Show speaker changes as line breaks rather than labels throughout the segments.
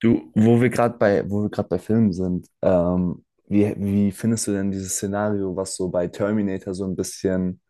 Du, wo wir gerade bei Filmen sind, wie findest du denn dieses Szenario, was so bei Terminator so ein bisschen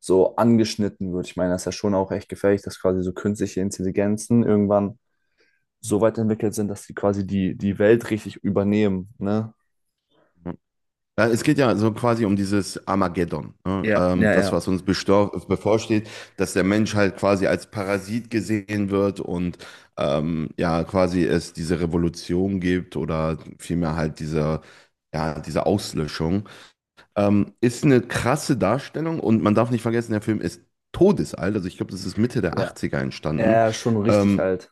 so angeschnitten wird? Ich meine, das ist ja schon auch echt gefährlich, dass quasi so künstliche Intelligenzen irgendwann so weit entwickelt sind, dass sie quasi die Welt richtig übernehmen, ne?
Ja, ja, es geht ja so quasi um dieses Armageddon, ne?
Ja, ja,
Das,
ja.
was uns bevorsteht, dass der Mensch halt quasi als Parasit gesehen wird und ja, quasi es diese Revolution gibt oder vielmehr halt diese, ja, diese Auslöschung. Ist eine krasse Darstellung, und man darf nicht vergessen, der Film ist todesalt, also ich glaube, das ist Mitte der
Ja.
Achtziger entstanden.
Ja, schon richtig
Ähm,
alt.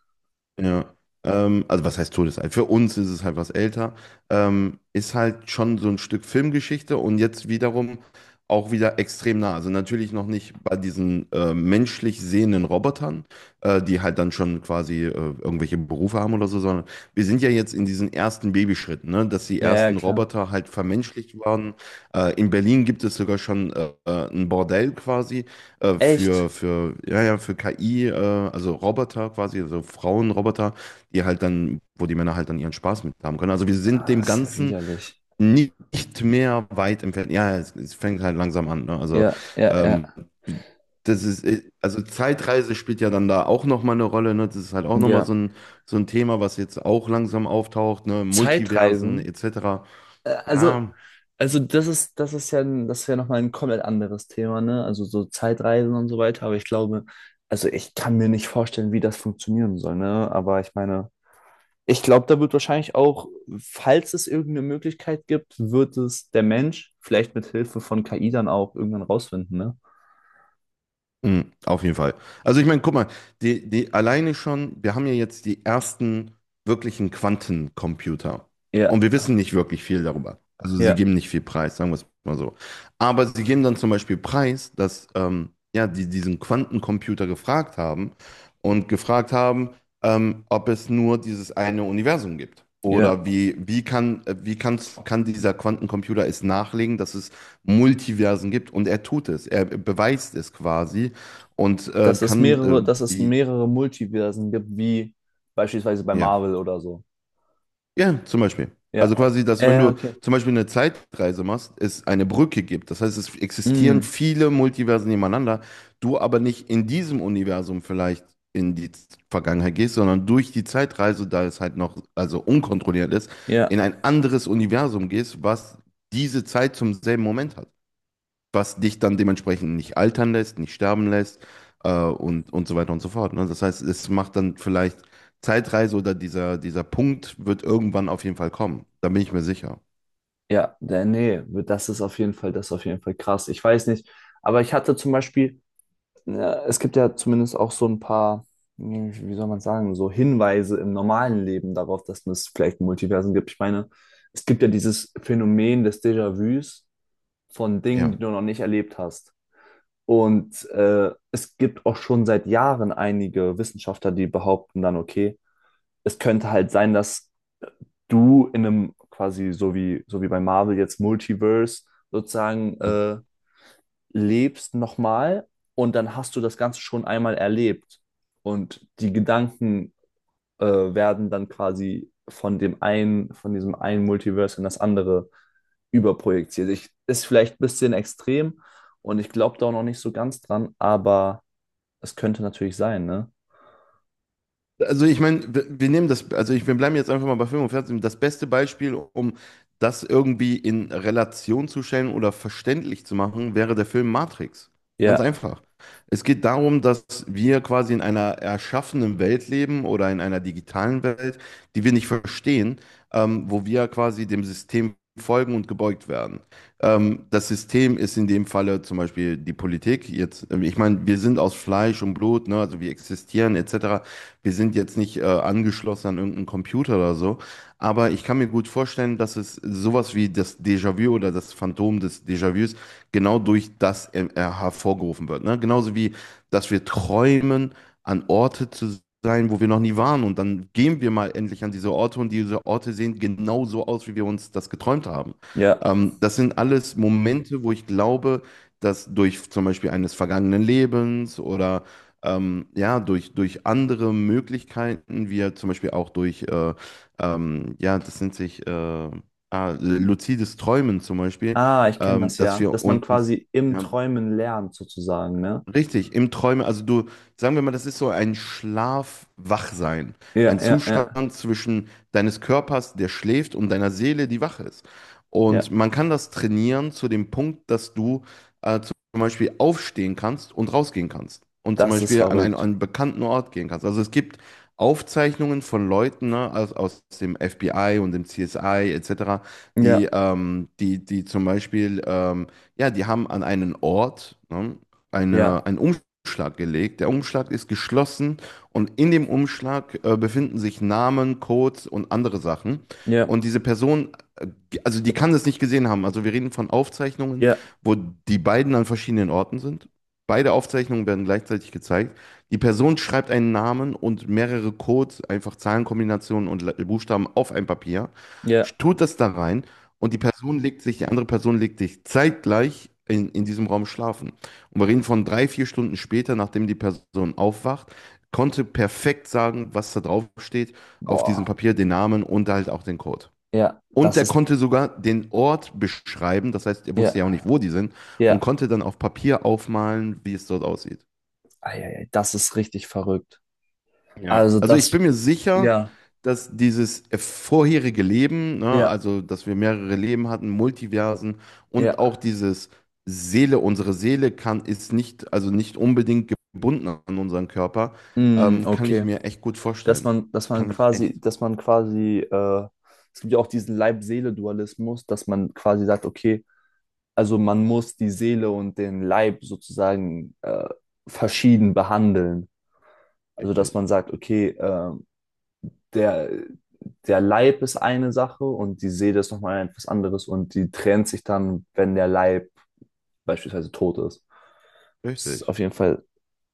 ja, also was heißt todesalt? Für uns ist es halt was älter. Ist halt schon so ein Stück Filmgeschichte, und jetzt wiederum auch wieder extrem nah. Also natürlich noch nicht bei diesen menschlich sehenden Robotern, die halt dann schon quasi irgendwelche Berufe haben oder so, sondern wir sind ja jetzt in diesen ersten Babyschritten, ne? Dass die
Ja, ja,
ersten
klar.
Roboter halt vermenschlicht waren. In Berlin gibt es sogar schon ein Bordell quasi,
Echt?
ja, ja, für KI, also Roboter quasi, also Frauenroboter, die halt dann, wo die Männer halt dann ihren Spaß mit haben können. Also wir sind
Ah,
dem
ist ja
Ganzen
widerlich.
nicht mehr weit entfernt. Ja, es fängt halt langsam an, ne? Also,
Ja, ja,
ähm,
ja.
also Zeitreise spielt ja dann da auch nochmal eine Rolle, ne? Das ist halt auch nochmal so
Ja.
ein, so ein Thema, was jetzt auch langsam auftaucht, ne? Multiversen
Zeitreisen?
etc.
Äh, Also,
Ja.
also das ist, das ist ja nochmal ein komplett anderes Thema, ne? Also so Zeitreisen und so weiter, aber ich glaube, also ich kann mir nicht vorstellen, wie das funktionieren soll, ne? Aber ich meine, ich glaube, da wird wahrscheinlich auch, falls es irgendeine Möglichkeit gibt, wird es der Mensch vielleicht mit Hilfe von KI dann auch irgendwann rausfinden, ne?
Mhm, auf jeden Fall. Also ich meine, guck mal, die alleine schon, wir haben ja jetzt die ersten wirklichen Quantencomputer.
Ja,
Und wir wissen nicht wirklich viel darüber. Also sie
ja,
geben nicht viel preis, sagen wir es mal so. Aber sie geben dann zum Beispiel preis, dass ja, die diesen Quantencomputer gefragt haben und gefragt haben, ob es nur dieses eine Universum gibt.
ja.
Oder wie, wie kann, wie kann's, kann dieser Quantencomputer es nachlegen, dass es Multiversen gibt? Und er tut es. Er beweist es quasi, und kann
Dass es
die,
mehrere Multiversen gibt, wie beispielsweise bei
ja,
Marvel oder so.
ja, zum Beispiel. Also
Ja.
quasi, dass wenn du
Okay.
zum Beispiel eine Zeitreise machst, es eine Brücke gibt. Das heißt, es existieren
Mm,
viele Multiversen nebeneinander, du aber nicht in diesem Universum vielleicht in die Vergangenheit gehst, sondern durch die Zeitreise, da es halt noch, also unkontrolliert ist,
ja.
in ein anderes Universum gehst, was diese Zeit zum selben Moment hat, was dich dann dementsprechend nicht altern lässt, nicht sterben lässt, und so weiter und so fort. Ne? Das heißt, es macht dann vielleicht Zeitreise oder dieser Punkt wird irgendwann auf jeden Fall kommen. Da bin ich mir sicher.
Nee, das ist auf jeden Fall, das ist auf jeden Fall krass. Ich weiß nicht, aber ich hatte zum Beispiel, äh, es gibt ja zumindest auch so ein paar, hm, wie soll man sagen, so Hinweise im normalen Leben darauf, dass es vielleicht Multiversen gibt. Ich meine, es gibt ja dieses Phänomen des Déjà-vus von Dingen, die
Ja.
du noch nicht erlebt hast. Und es gibt auch schon seit Jahren einige Wissenschaftler, die behaupten dann, okay, es könnte halt sein, dass du in einem quasi so wie bei Marvel jetzt Multiverse sozusagen lebst nochmal und dann hast du das Ganze schon einmal erlebt und die Gedanken werden dann quasi von dem einen, von diesem einen Multiverse in das andere überprojiziert. Ich, ist vielleicht ein bisschen extrem und ich glaube da auch noch nicht so ganz dran, aber es könnte natürlich sein, ne?
Also ich meine, wir nehmen wir bleiben jetzt einfach mal bei Film und Fernsehen. Das beste Beispiel, um das irgendwie in Relation zu stellen oder verständlich zu machen, wäre der Film Matrix. Ganz
Ja,
einfach. Es geht darum, dass wir quasi in einer erschaffenen Welt leben oder in einer digitalen Welt, die wir nicht verstehen, wo wir quasi dem System folgen und gebeugt werden. Das System ist in dem Falle zum Beispiel die Politik. Jetzt, ich meine, wir sind aus Fleisch und Blut, ne? Also wir existieren etc. Wir sind jetzt nicht angeschlossen an irgendeinen Computer oder so, aber ich kann mir gut vorstellen, dass es sowas wie das Déjà-vu oder das Phantom des Déjà-vus genau durch das hervorgerufen wird. Ne? Genauso wie, dass wir träumen, an Orte zu sein, wo wir noch nie waren, und dann gehen wir mal endlich an diese Orte, und diese Orte sehen genau so aus, wie wir uns das geträumt haben.
ja.
Das sind alles Momente, wo ich glaube, dass durch zum Beispiel eines vergangenen Lebens oder ja, durch andere Möglichkeiten, wie ja zum Beispiel auch durch, ja, das nennt sich luzides Träumen zum Beispiel,
Ah, ich kenne das
dass
ja,
wir
dass man
uns,
quasi im
ja,
Träumen lernt sozusagen, ne?
richtig, im Träume, also du, sagen wir mal, das ist so ein Schlaf-Wachsein,
Ja,
ein
ja, ja.
Zustand zwischen deines Körpers, der schläft, und deiner Seele, die wach ist. Und
Ja,
man kann das trainieren zu dem Punkt, dass du zum Beispiel aufstehen kannst und rausgehen kannst und zum
das ist
Beispiel an einen, an
verrückt.
einen bekannten Ort gehen kannst. Also es gibt Aufzeichnungen von Leuten, ne, aus dem FBI und dem CSI etc., die,
Ja,
die zum Beispiel, ja, die haben an einen Ort, ne? Eine,
ja,
einen Umschlag gelegt. Der Umschlag ist geschlossen, und in dem Umschlag befinden sich Namen, Codes und andere Sachen.
ja,
Und diese Person, äh, also die kann das nicht gesehen haben. Also wir reden von Aufzeichnungen,
ja,
wo die beiden an verschiedenen Orten sind. Beide Aufzeichnungen werden gleichzeitig gezeigt. Die Person schreibt einen Namen und mehrere Codes, einfach Zahlenkombinationen und Buchstaben auf ein Papier,
ja.
tut das da rein, und die Person legt sich, die andere Person legt sich zeitgleich in diesem Raum schlafen. Und wir reden von 3, 4 Stunden später, nachdem die Person aufwacht, konnte perfekt sagen, was da drauf steht, auf diesem
Boah.
Papier, den Namen und halt auch den Code.
Ja,
Und
das
der
ist,
konnte sogar den Ort beschreiben, das heißt, er
ja,
wusste ja auch nicht, wo die sind, und
ja.
konnte dann auf Papier aufmalen, wie es dort aussieht.
Eieiei, das ist richtig verrückt.
Ja,
Also
also ich
das,
bin mir sicher,
ja,
dass dieses vorherige Leben, ne,
ja,
also dass wir mehrere Leben hatten, Multiversen,
ja.
und auch dieses Seele, unsere Seele kann, ist nicht, also nicht unbedingt gebunden an unseren Körper,
Mm,
kann ich
okay.
mir echt gut
Dass
vorstellen.
man, dass man
Kann ich echt.
quasi, dass man quasi, äh, es gibt ja auch diesen Leib-Seele-Dualismus, dass man quasi sagt, okay, also man muss die Seele und den Leib sozusagen verschieden behandeln. Also dass
Richtig.
man sagt, okay, der, der Leib ist eine Sache und die Seele ist nochmal etwas anderes und die trennt sich dann, wenn der Leib beispielsweise tot ist. Das ist
Richtig.
auf jeden Fall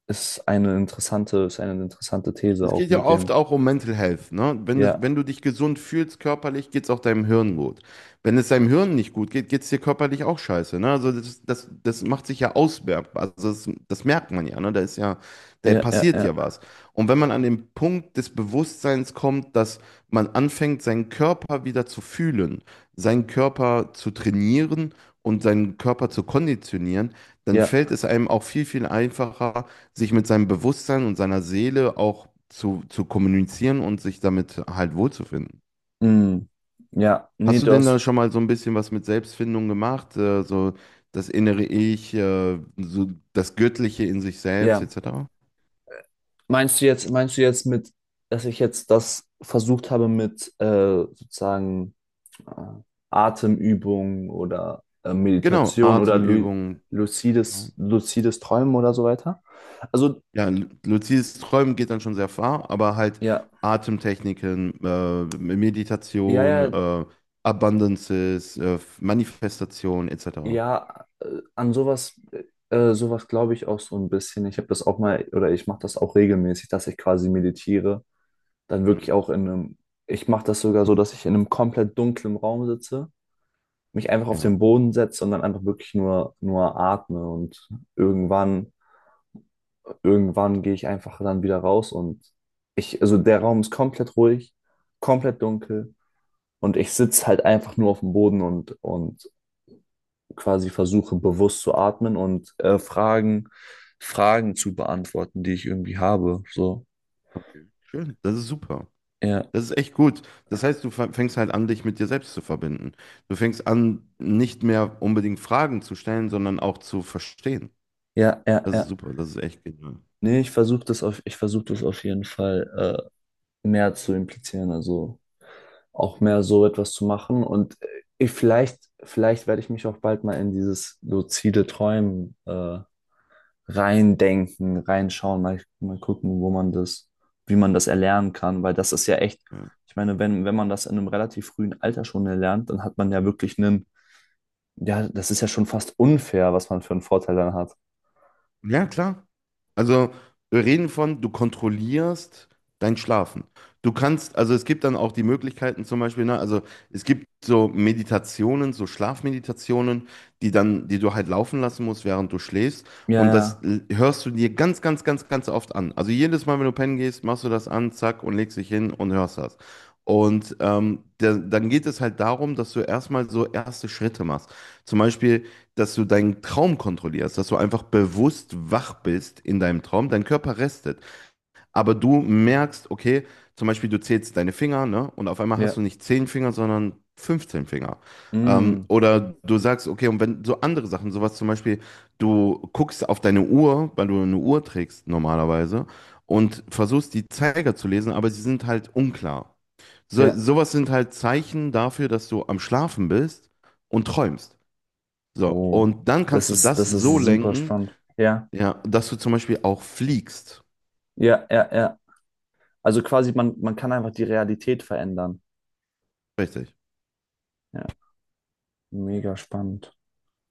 ist eine interessante These
Es
auch
geht ja
mit
oft
dem,
auch um Mental Health, ne? Wenn du, wenn
ja,
du dich gesund fühlst körperlich, geht es auch deinem Hirn gut. Wenn es deinem Hirn nicht gut geht, geht es dir körperlich auch scheiße, ne? Also das macht sich ja auswertbar. Also das merkt man ja, ne? Da ist ja, da
ja, ja,
passiert
ja,
ja was. Und wenn man an den Punkt des Bewusstseins kommt, dass man anfängt, seinen Körper wieder zu fühlen, seinen Körper zu trainieren und seinen Körper zu konditionieren, dann
ja,
fällt es einem auch viel, viel einfacher, sich mit seinem Bewusstsein und seiner Seele auch zu kommunizieren und sich damit halt wohlzufinden.
mm, ja, nee,
Hast du denn da
das,
schon mal so ein bisschen was mit Selbstfindung gemacht? So das innere Ich, so das Göttliche in sich selbst,
ja.
etc.?
Meinst du jetzt mit, dass ich jetzt das versucht habe mit sozusagen äh, Atemübungen oder
Genau,
Meditation oder lu
Atemübungen. Ja.
lucides Träumen oder so weiter. Also,
Ja, luzides Träumen geht dann schon sehr far, aber halt
ja,
Atemtechniken,
ja,
Meditation,
ja,
Abundances, Manifestation, etc.
ja, an sowas, sowas glaube ich auch so ein bisschen. Ich habe das auch mal, oder ich mache das auch regelmäßig, dass ich quasi meditiere. Dann
Mhm.
wirklich auch in einem, ich mache das sogar so, dass ich in einem komplett dunklen Raum sitze, mich einfach auf
Ja,
den Boden setze und dann einfach wirklich nur atme und irgendwann irgendwann gehe ich einfach dann wieder raus und ich, also der Raum ist komplett ruhig, komplett dunkel und ich sitze halt einfach nur auf dem Boden und quasi versuche bewusst zu atmen und Fragen zu beantworten, die ich irgendwie habe. So,
okay. Schön, das ist super.
ja,
Das ist echt gut. Das heißt, du fängst halt an, dich mit dir selbst zu verbinden. Du fängst an, nicht mehr unbedingt Fragen zu stellen, sondern auch zu verstehen.
ja, ja,
Das ist
ja.
super, das ist echt genial.
Nee, ich versuche das auf, ich versuche das auf jeden Fall mehr zu implizieren, also auch mehr so etwas zu machen und ich, vielleicht, vielleicht werde ich mich auch bald mal in dieses luzide Träumen reindenken, reinschauen, mal, mal gucken, wo man das, wie man das erlernen kann, weil das ist ja echt,
Ja,
ich meine, wenn, wenn man das in einem relativ frühen Alter schon erlernt, dann hat man ja wirklich einen, ja, das ist ja schon fast unfair, was man für einen Vorteil dann hat.
ja klar. Also, wir reden von, du kontrollierst dein Schlafen. Du kannst, also es gibt dann auch die Möglichkeiten zum Beispiel, ne, also es gibt so Meditationen, so Schlafmeditationen, die dann, die du halt laufen lassen musst, während du schläfst.
Ja,
Und das
ja,
hörst du dir ganz, ganz, ganz, ganz oft an. Also jedes Mal, wenn du pennen gehst, machst du das an, zack, und legst dich hin und hörst das. Und der, dann geht es halt darum, dass du erstmal so erste Schritte machst. Zum Beispiel, dass du deinen Traum kontrollierst, dass du einfach bewusst wach bist in deinem Traum, dein Körper restet. Aber du merkst, okay, zum Beispiel du zählst deine Finger, ne? Und auf einmal hast
ja,
du nicht 10 Finger, sondern 15 Finger.
mm,
Oder du sagst, okay, und wenn so andere Sachen, sowas zum Beispiel, du guckst auf deine Uhr, weil du eine Uhr trägst normalerweise, und versuchst die Zeiger zu lesen, aber sie sind halt unklar. So,
ja,
sowas sind halt Zeichen dafür, dass du am Schlafen bist und träumst. So,
oh,
und dann kannst du das
das ist
so
super
lenken,
spannend. Ja,
ja, dass du zum Beispiel auch fliegst.
ja, ja, ja. Also quasi, man kann einfach die Realität verändern.
Richtig.
Ja, mega spannend.